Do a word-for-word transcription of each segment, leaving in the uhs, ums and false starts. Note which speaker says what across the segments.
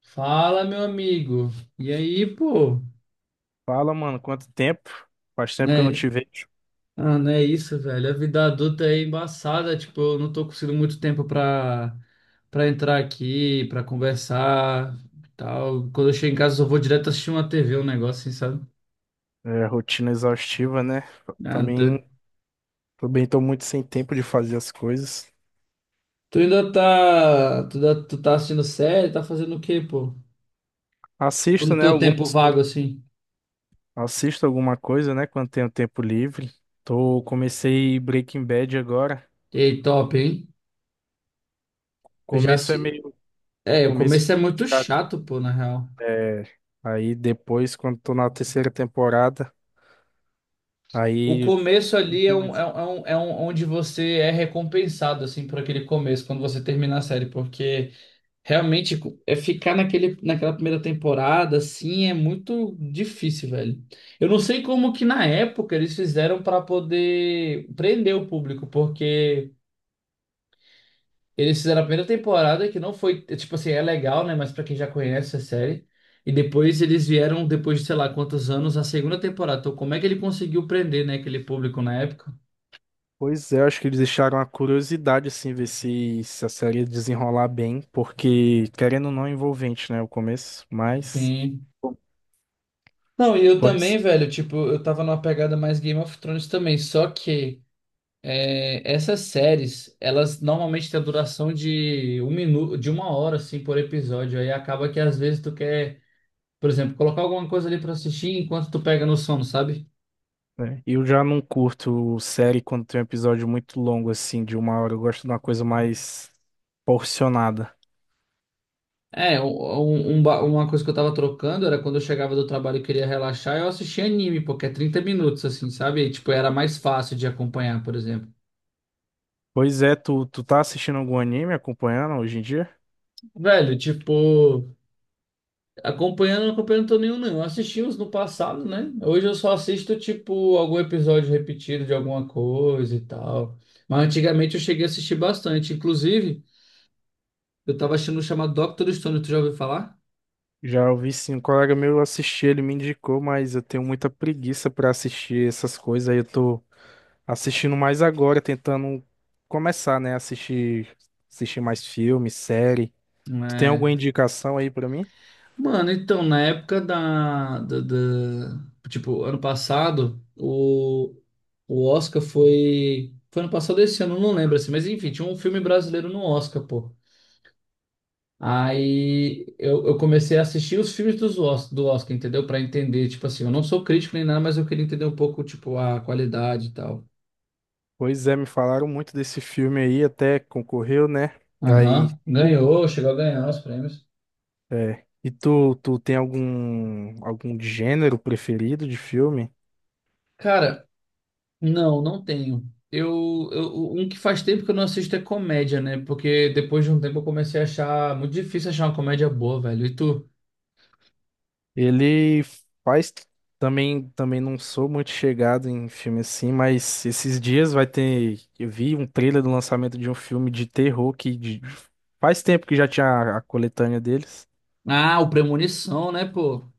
Speaker 1: Fala, meu amigo. E aí, pô?
Speaker 2: Fala, mano, quanto tempo? Faz tempo que eu não
Speaker 1: Né?
Speaker 2: te vejo.
Speaker 1: Ah, não é isso, velho. A vida adulta é embaçada. Tipo, eu não tô conseguindo muito tempo pra, pra entrar aqui, pra conversar e tal. Quando eu chego em casa, eu vou direto assistir uma T V, um negócio assim, sabe?
Speaker 2: É, rotina exaustiva, né?
Speaker 1: Ah, tu,
Speaker 2: Também, também tô muito sem tempo de fazer as coisas.
Speaker 1: tu ainda tá. Tu, da- tu tá assistindo série? Tá fazendo o quê, pô? Tipo,
Speaker 2: Assisto,
Speaker 1: no
Speaker 2: né,
Speaker 1: teu tempo
Speaker 2: algumas,
Speaker 1: vago, assim.
Speaker 2: assisto alguma coisa, né, quando tenho tempo livre. Tô, comecei Breaking Bad agora.
Speaker 1: Ei, top, hein?
Speaker 2: O
Speaker 1: Eu já
Speaker 2: começo é
Speaker 1: se.
Speaker 2: meio, o
Speaker 1: É, o
Speaker 2: começo
Speaker 1: começo é muito chato, pô, na real.
Speaker 2: É, aí depois, quando tô na terceira temporada,
Speaker 1: O
Speaker 2: aí,
Speaker 1: começo ali é,
Speaker 2: curti,
Speaker 1: um,
Speaker 2: mas
Speaker 1: é, um, é um, é um, onde você é recompensado, assim, por aquele começo, quando você termina a série, porque realmente é ficar naquele, naquela primeira temporada, assim, é muito difícil, velho. Eu não sei como que na época eles fizeram para poder prender o público, porque eles fizeram a primeira temporada, que não foi, tipo assim, é legal, né, mas para quem já conhece a série. E depois eles vieram, depois de sei lá quantos anos, a segunda temporada. Então, como é que ele conseguiu prender, né, aquele público na época?
Speaker 2: pois é, acho que eles deixaram a curiosidade, assim, ver se, se a série ia desenrolar bem, porque, querendo ou não, é envolvente, né, o começo, mas
Speaker 1: Sim.
Speaker 2: bom,
Speaker 1: Não, e eu também,
Speaker 2: pois,
Speaker 1: velho, tipo, eu tava numa pegada mais Game of Thrones também, só que é, essas séries, elas normalmente têm a duração de um minuto, de uma hora, assim, por episódio, aí acaba que às vezes tu quer, por exemplo, colocar alguma coisa ali pra assistir enquanto tu pega no sono, sabe?
Speaker 2: é. Eu já não curto série quando tem um episódio muito longo, assim, de uma hora, eu gosto de uma coisa mais porcionada.
Speaker 1: É, um, um- ba- uma coisa que eu tava trocando era quando eu chegava do trabalho e queria relaxar, eu assistia anime, porque é trinta minutos, assim, sabe? E, tipo, era mais fácil de acompanhar, por exemplo.
Speaker 2: Pois é, tu, tu tá assistindo algum anime, acompanhando hoje em dia?
Speaker 1: Velho, tipo. Acompanhando, acompanhando, não tô nenhum, não. Eu assisti uns no passado, né? Hoje eu só assisto, tipo, algum episódio repetido de alguma coisa e tal. Mas antigamente eu cheguei a assistir bastante. Inclusive, eu tava assistindo um chamado Doctor Stone, tu já ouviu falar?
Speaker 2: Já ouvi sim, um colega meu assistiu, ele me indicou, mas eu tenho muita preguiça pra assistir essas coisas aí. Eu tô assistindo mais agora, tentando começar, né? Assistir, assistir mais filme, série. Tu tem alguma
Speaker 1: É.
Speaker 2: indicação aí pra mim?
Speaker 1: Mano, então, na época da, da, da- tipo, ano passado, o, o Oscar foi. Foi ano passado esse ano, eu não lembro assim, mas enfim, tinha um filme brasileiro no Oscar, pô. Aí eu, eu comecei a assistir os filmes dos Os- do Oscar, entendeu? Pra entender, tipo assim, eu não sou crítico nem nada, mas eu queria entender um pouco, tipo, a qualidade e tal.
Speaker 2: Pois é, me falaram muito desse filme aí, até concorreu, né? Aí,
Speaker 1: Aham,
Speaker 2: tu-
Speaker 1: ganhou, chegou a ganhar os prêmios.
Speaker 2: é. E tu, tu tem algum, algum gênero preferido de filme?
Speaker 1: Cara, não, não tenho. Eu, eu, um que faz tempo que eu não assisto é comédia, né? Porque depois de um tempo eu comecei a achar muito difícil achar uma comédia boa, velho. E tu?
Speaker 2: Ele faz também, também não sou muito chegado em filme assim, mas esses dias vai ter, eu vi um trailer do lançamento de um filme de terror que de- faz tempo que já tinha a, a coletânea deles.
Speaker 1: Ah, o Premonição, né, pô?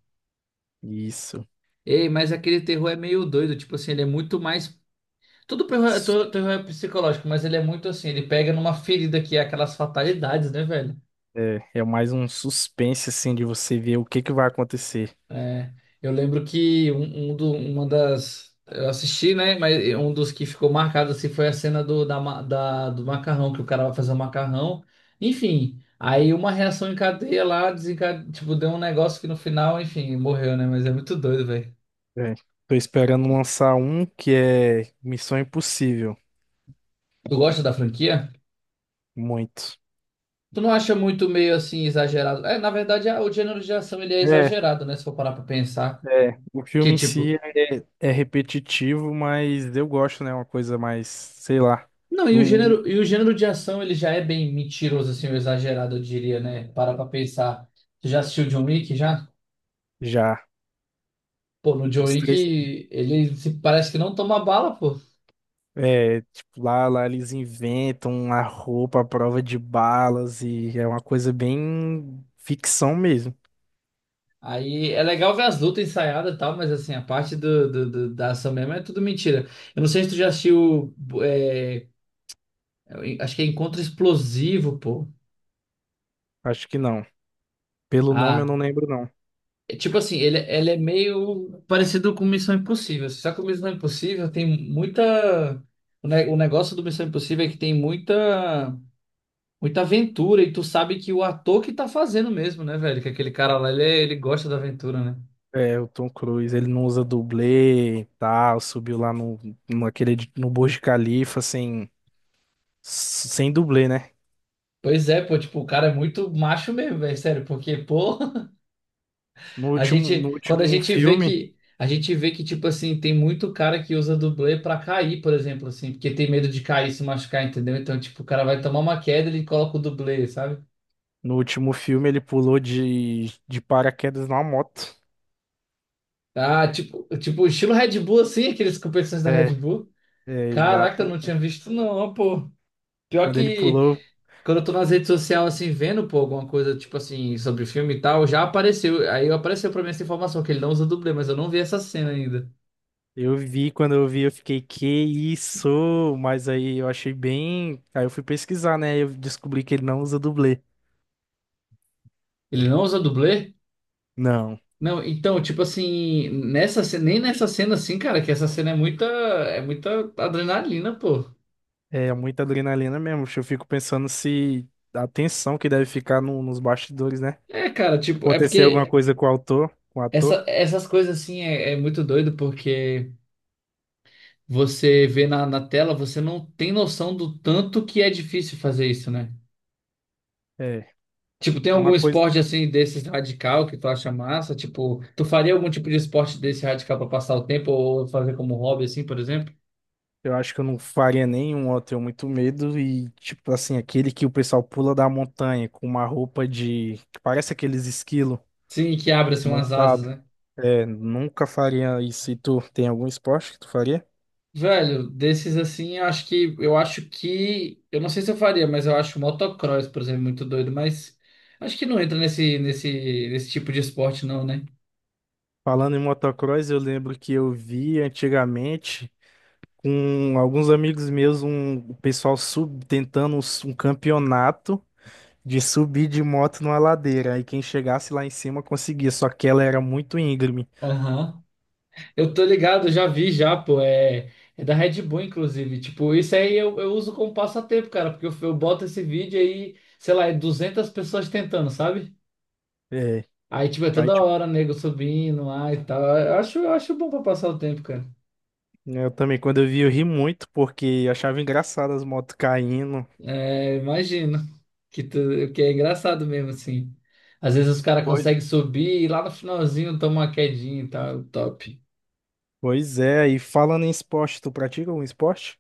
Speaker 2: Isso.
Speaker 1: Ei, mas aquele terror é meio doido, tipo assim, ele é muito mais. Tudo terror é
Speaker 2: Su-
Speaker 1: to- terror é psicológico, mas ele é muito assim, ele pega numa ferida que é aquelas fatalidades, né, velho?
Speaker 2: É, é mais um suspense assim de você ver o que que vai acontecer.
Speaker 1: É, eu lembro que um, um do- uma das. Eu assisti, né? Mas um dos que ficou marcado assim foi a cena do, da, ma- da- do macarrão, que o cara vai fazer o macarrão. Enfim, aí uma reação em cadeia lá, desenca tipo, deu um negócio que no final, enfim, morreu, né? Mas é muito doido, velho.
Speaker 2: É. Tô esperando lançar um que é Missão Impossível,
Speaker 1: Tu gosta da franquia?
Speaker 2: muito.
Speaker 1: Tu não acha muito meio assim exagerado? É, na verdade, a- o gênero de ação ele é
Speaker 2: É,
Speaker 1: exagerado, né? Se for parar pra pensar.
Speaker 2: é. O
Speaker 1: Que
Speaker 2: filme em si
Speaker 1: tipo,
Speaker 2: é é repetitivo, mas eu gosto, né? Uma coisa mais, sei lá,
Speaker 1: não, e o
Speaker 2: do
Speaker 1: gênero, e o gênero de ação ele já é bem mentiroso, assim, ou exagerado, eu diria, né? Para pra pensar. Tu já assistiu John Wick já?
Speaker 2: já.
Speaker 1: Pô, no John
Speaker 2: Os
Speaker 1: Wick
Speaker 2: três,
Speaker 1: ele se- parece que não toma bala, pô.
Speaker 2: é, tipo, lá, lá eles inventam a roupa à prova de balas e é uma coisa bem ficção mesmo.
Speaker 1: Aí é legal ver as lutas ensaiadas e tal, mas assim, a parte do, do- do- da ação mesmo é tudo mentira. Eu não sei se tu já assistiu. É, acho que é Encontro Explosivo, pô.
Speaker 2: Acho que não. Pelo nome eu
Speaker 1: Ah,
Speaker 2: não lembro, não.
Speaker 1: é, tipo assim, ele, ele é meio parecido com Missão Impossível. Só que o Missão Impossível tem muita. O, ne- o negócio do Missão Impossível é que tem muita, muita aventura. E tu sabe que o ator que tá fazendo mesmo, né, velho? Que aquele cara lá, ele, é- ele gosta da aventura, né?
Speaker 2: É, o Tom Cruise, ele não usa dublê e tal, subiu lá no, no, aquele, edi- no Burj Khalifa sem, sem dublê, né?
Speaker 1: Pois é, pô, tipo, o cara é muito macho mesmo, velho, sério, porque, pô,
Speaker 2: No
Speaker 1: a
Speaker 2: último, no
Speaker 1: gente, quando a
Speaker 2: último
Speaker 1: gente vê
Speaker 2: filme.
Speaker 1: que, a gente vê que, tipo assim, tem muito cara que usa dublê pra cair, por exemplo, assim, porque tem medo de cair, se machucar, entendeu? Então, tipo, o cara vai tomar uma queda, ele coloca o dublê, sabe?
Speaker 2: No último filme ele pulou de, de paraquedas numa moto.
Speaker 1: Ah, tipo, tipo, estilo Red Bull, assim, aqueles competições da
Speaker 2: É,
Speaker 1: Red Bull.
Speaker 2: é,
Speaker 1: Caraca, eu não
Speaker 2: exato.
Speaker 1: tinha visto, não, pô. Pior
Speaker 2: Quando ele
Speaker 1: que
Speaker 2: pulou,
Speaker 1: quando eu tô nas redes sociais, assim, vendo, pô, alguma coisa, tipo assim, sobre filme e tal, já apareceu. Aí apareceu pra mim essa informação, que ele não usa dublê, mas eu não vi essa cena ainda.
Speaker 2: eu vi, quando eu vi, eu fiquei, que isso? Mas aí eu achei bem. Aí eu fui pesquisar, né? Eu descobri que ele não usa dublê.
Speaker 1: Ele não usa dublê?
Speaker 2: Não.
Speaker 1: Não, então, tipo assim, nessa, ce- nem nessa cena, assim, cara, que essa cena é muita, é muita adrenalina, pô.
Speaker 2: É muita adrenalina mesmo. Eu fico pensando se a tensão que deve ficar no- nos bastidores, né?
Speaker 1: É, cara, tipo, é
Speaker 2: Acontecer alguma
Speaker 1: porque
Speaker 2: coisa com o autor, com o
Speaker 1: essa,
Speaker 2: ator.
Speaker 1: essas coisas, assim, é é muito doido, porque você vê na, na tela, você não tem noção do tanto que é difícil fazer isso, né?
Speaker 2: É.
Speaker 1: Tipo, tem algum
Speaker 2: Uma coisa.
Speaker 1: esporte assim desses radical que tu acha massa? Tipo, tu faria algum tipo de esporte desse radical pra passar o tempo ou fazer como hobby assim, por exemplo?
Speaker 2: Eu acho que eu não faria nenhum, eu tenho muito medo. E, tipo assim, aquele que o pessoal pula da montanha com uma roupa de que parece aqueles esquilo
Speaker 1: Sim, que abre assim umas asas,
Speaker 2: montado.
Speaker 1: né?
Speaker 2: É, nunca faria isso. E tu tem algum esporte que tu faria?
Speaker 1: Velho, desses assim, eu acho que eu acho que eu não sei se eu faria, mas eu acho motocross, por exemplo, muito doido, mas acho que não entra nesse nesse nesse tipo de esporte não, né?
Speaker 2: Falando em motocross, eu lembro que eu vi antigamente com alguns amigos meus um o pessoal sub, tentando um s- um campeonato de subir de moto numa ladeira. Aí quem chegasse lá em cima conseguia, só que ela era muito íngreme.
Speaker 1: Aham. Eu tô ligado, já vi já, pô. É, é da Red Bull, inclusive. Tipo, isso aí eu, eu uso como passatempo, cara, porque eu, eu boto esse vídeo aí, sei lá, é duzentas pessoas tentando, sabe?
Speaker 2: É.
Speaker 1: Aí, tipo, é
Speaker 2: Aí
Speaker 1: toda hora, nego subindo lá e tal. Eu acho, eu acho bom pra passar o tempo, cara.
Speaker 2: é, eu também, quando eu vi, eu ri muito, porque eu achava engraçado as motos caindo.
Speaker 1: É, imagino que, tu, que é engraçado mesmo, assim. Às vezes os caras
Speaker 2: Pois,
Speaker 1: conseguem subir e lá no finalzinho toma uma quedinha e tal, top.
Speaker 2: pois é, e falando em esporte, tu pratica algum esporte?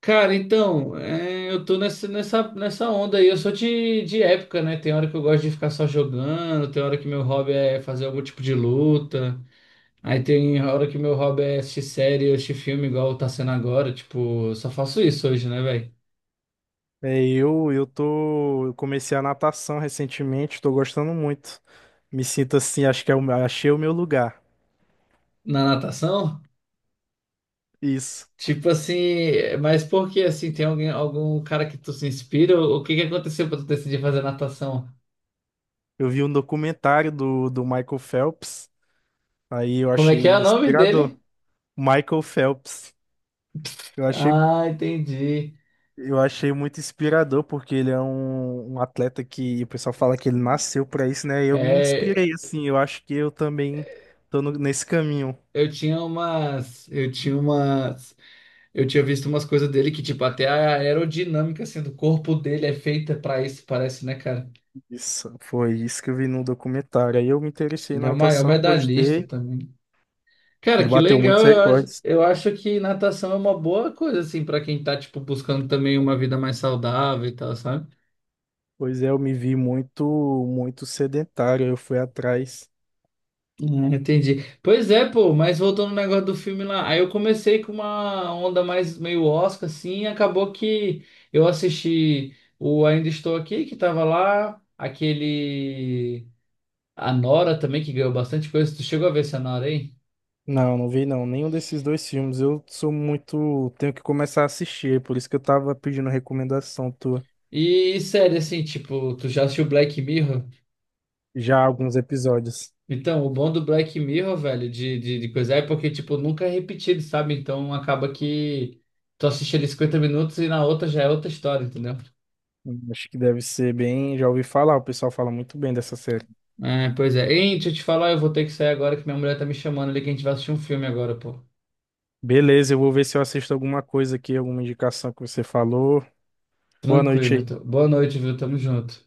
Speaker 1: Cara, então, é, eu tô nessa, nessa, nessa onda aí. Eu sou de, de época, né? Tem hora que eu gosto de ficar só jogando, tem hora que meu hobby é fazer algum tipo de luta. Aí tem hora que meu hobby é assistir série, assistir filme, igual tá sendo agora. Tipo, eu só faço isso hoje, né, velho?
Speaker 2: É, eu, eu tô, eu comecei a natação recentemente, tô gostando muito. Me sinto assim, acho que é o, meu- achei o meu lugar.
Speaker 1: Na natação?
Speaker 2: Isso.
Speaker 1: Tipo assim, é, mas por que assim? Tem alguém, algum cara que tu se inspira? O que que aconteceu pra tu decidir fazer natação?
Speaker 2: Eu vi um documentário do, do Michael Phelps, aí eu
Speaker 1: Como é que
Speaker 2: achei
Speaker 1: é o nome
Speaker 2: inspirador.
Speaker 1: dele?
Speaker 2: Michael Phelps. Eu achei.
Speaker 1: Ah, entendi.
Speaker 2: Eu achei muito inspirador, porque ele é um, um atleta que o pessoal fala que ele nasceu pra isso, né? Eu me
Speaker 1: É,
Speaker 2: inspirei, assim, eu acho que eu também tô no- nesse caminho.
Speaker 1: Eu tinha umas, eu tinha umas, eu tinha visto umas coisas dele que, tipo, até a aerodinâmica, assim, do corpo dele é feita pra isso, parece, né, cara?
Speaker 2: Isso, foi isso que eu vi no documentário. Aí eu me interessei
Speaker 1: Ele
Speaker 2: na
Speaker 1: é o maior
Speaker 2: natação,
Speaker 1: medalhista
Speaker 2: gostei.
Speaker 1: também. Cara,
Speaker 2: Ele
Speaker 1: que
Speaker 2: bateu
Speaker 1: legal,
Speaker 2: muitos
Speaker 1: eu acho,
Speaker 2: recordes.
Speaker 1: eu acho que natação é uma boa coisa, assim, pra quem tá, tipo, buscando também uma vida mais saudável e tal, sabe?
Speaker 2: Pois é, eu me vi muito, muito sedentário, eu fui atrás.
Speaker 1: Ah, entendi. Pois é, pô, mas voltando no negócio do filme lá, aí eu comecei com uma onda mais meio Oscar, assim, e acabou que eu assisti o Ainda Estou Aqui, que tava lá, aquele. A Nora também, que ganhou bastante coisa. Tu chegou a ver essa Nora aí?
Speaker 2: Não, não vi não, nenhum desses dois filmes. Eu sou muito, tenho que começar a assistir, é por isso que eu tava pedindo recomendação tua.
Speaker 1: E sério, assim, tipo, tu já assistiu Black Mirror?
Speaker 2: Já há alguns episódios.
Speaker 1: Então, o bom do Black Mirror, velho, de, de, de coisa é porque, tipo, nunca é repetido, sabe? Então acaba que tu assiste ali cinquenta minutos e na outra já é outra história, entendeu?
Speaker 2: Acho que deve ser bem. Já ouvi falar, o pessoal fala muito bem dessa série.
Speaker 1: É, pois é. Ei, deixa eu te falar, eu vou ter que sair agora que minha mulher tá me chamando ali que a gente vai assistir um filme agora, pô.
Speaker 2: Beleza, eu vou ver se eu assisto alguma coisa aqui, alguma indicação que você falou. Boa noite
Speaker 1: Tranquilo,
Speaker 2: aí.
Speaker 1: então. Boa noite, viu? Tamo junto.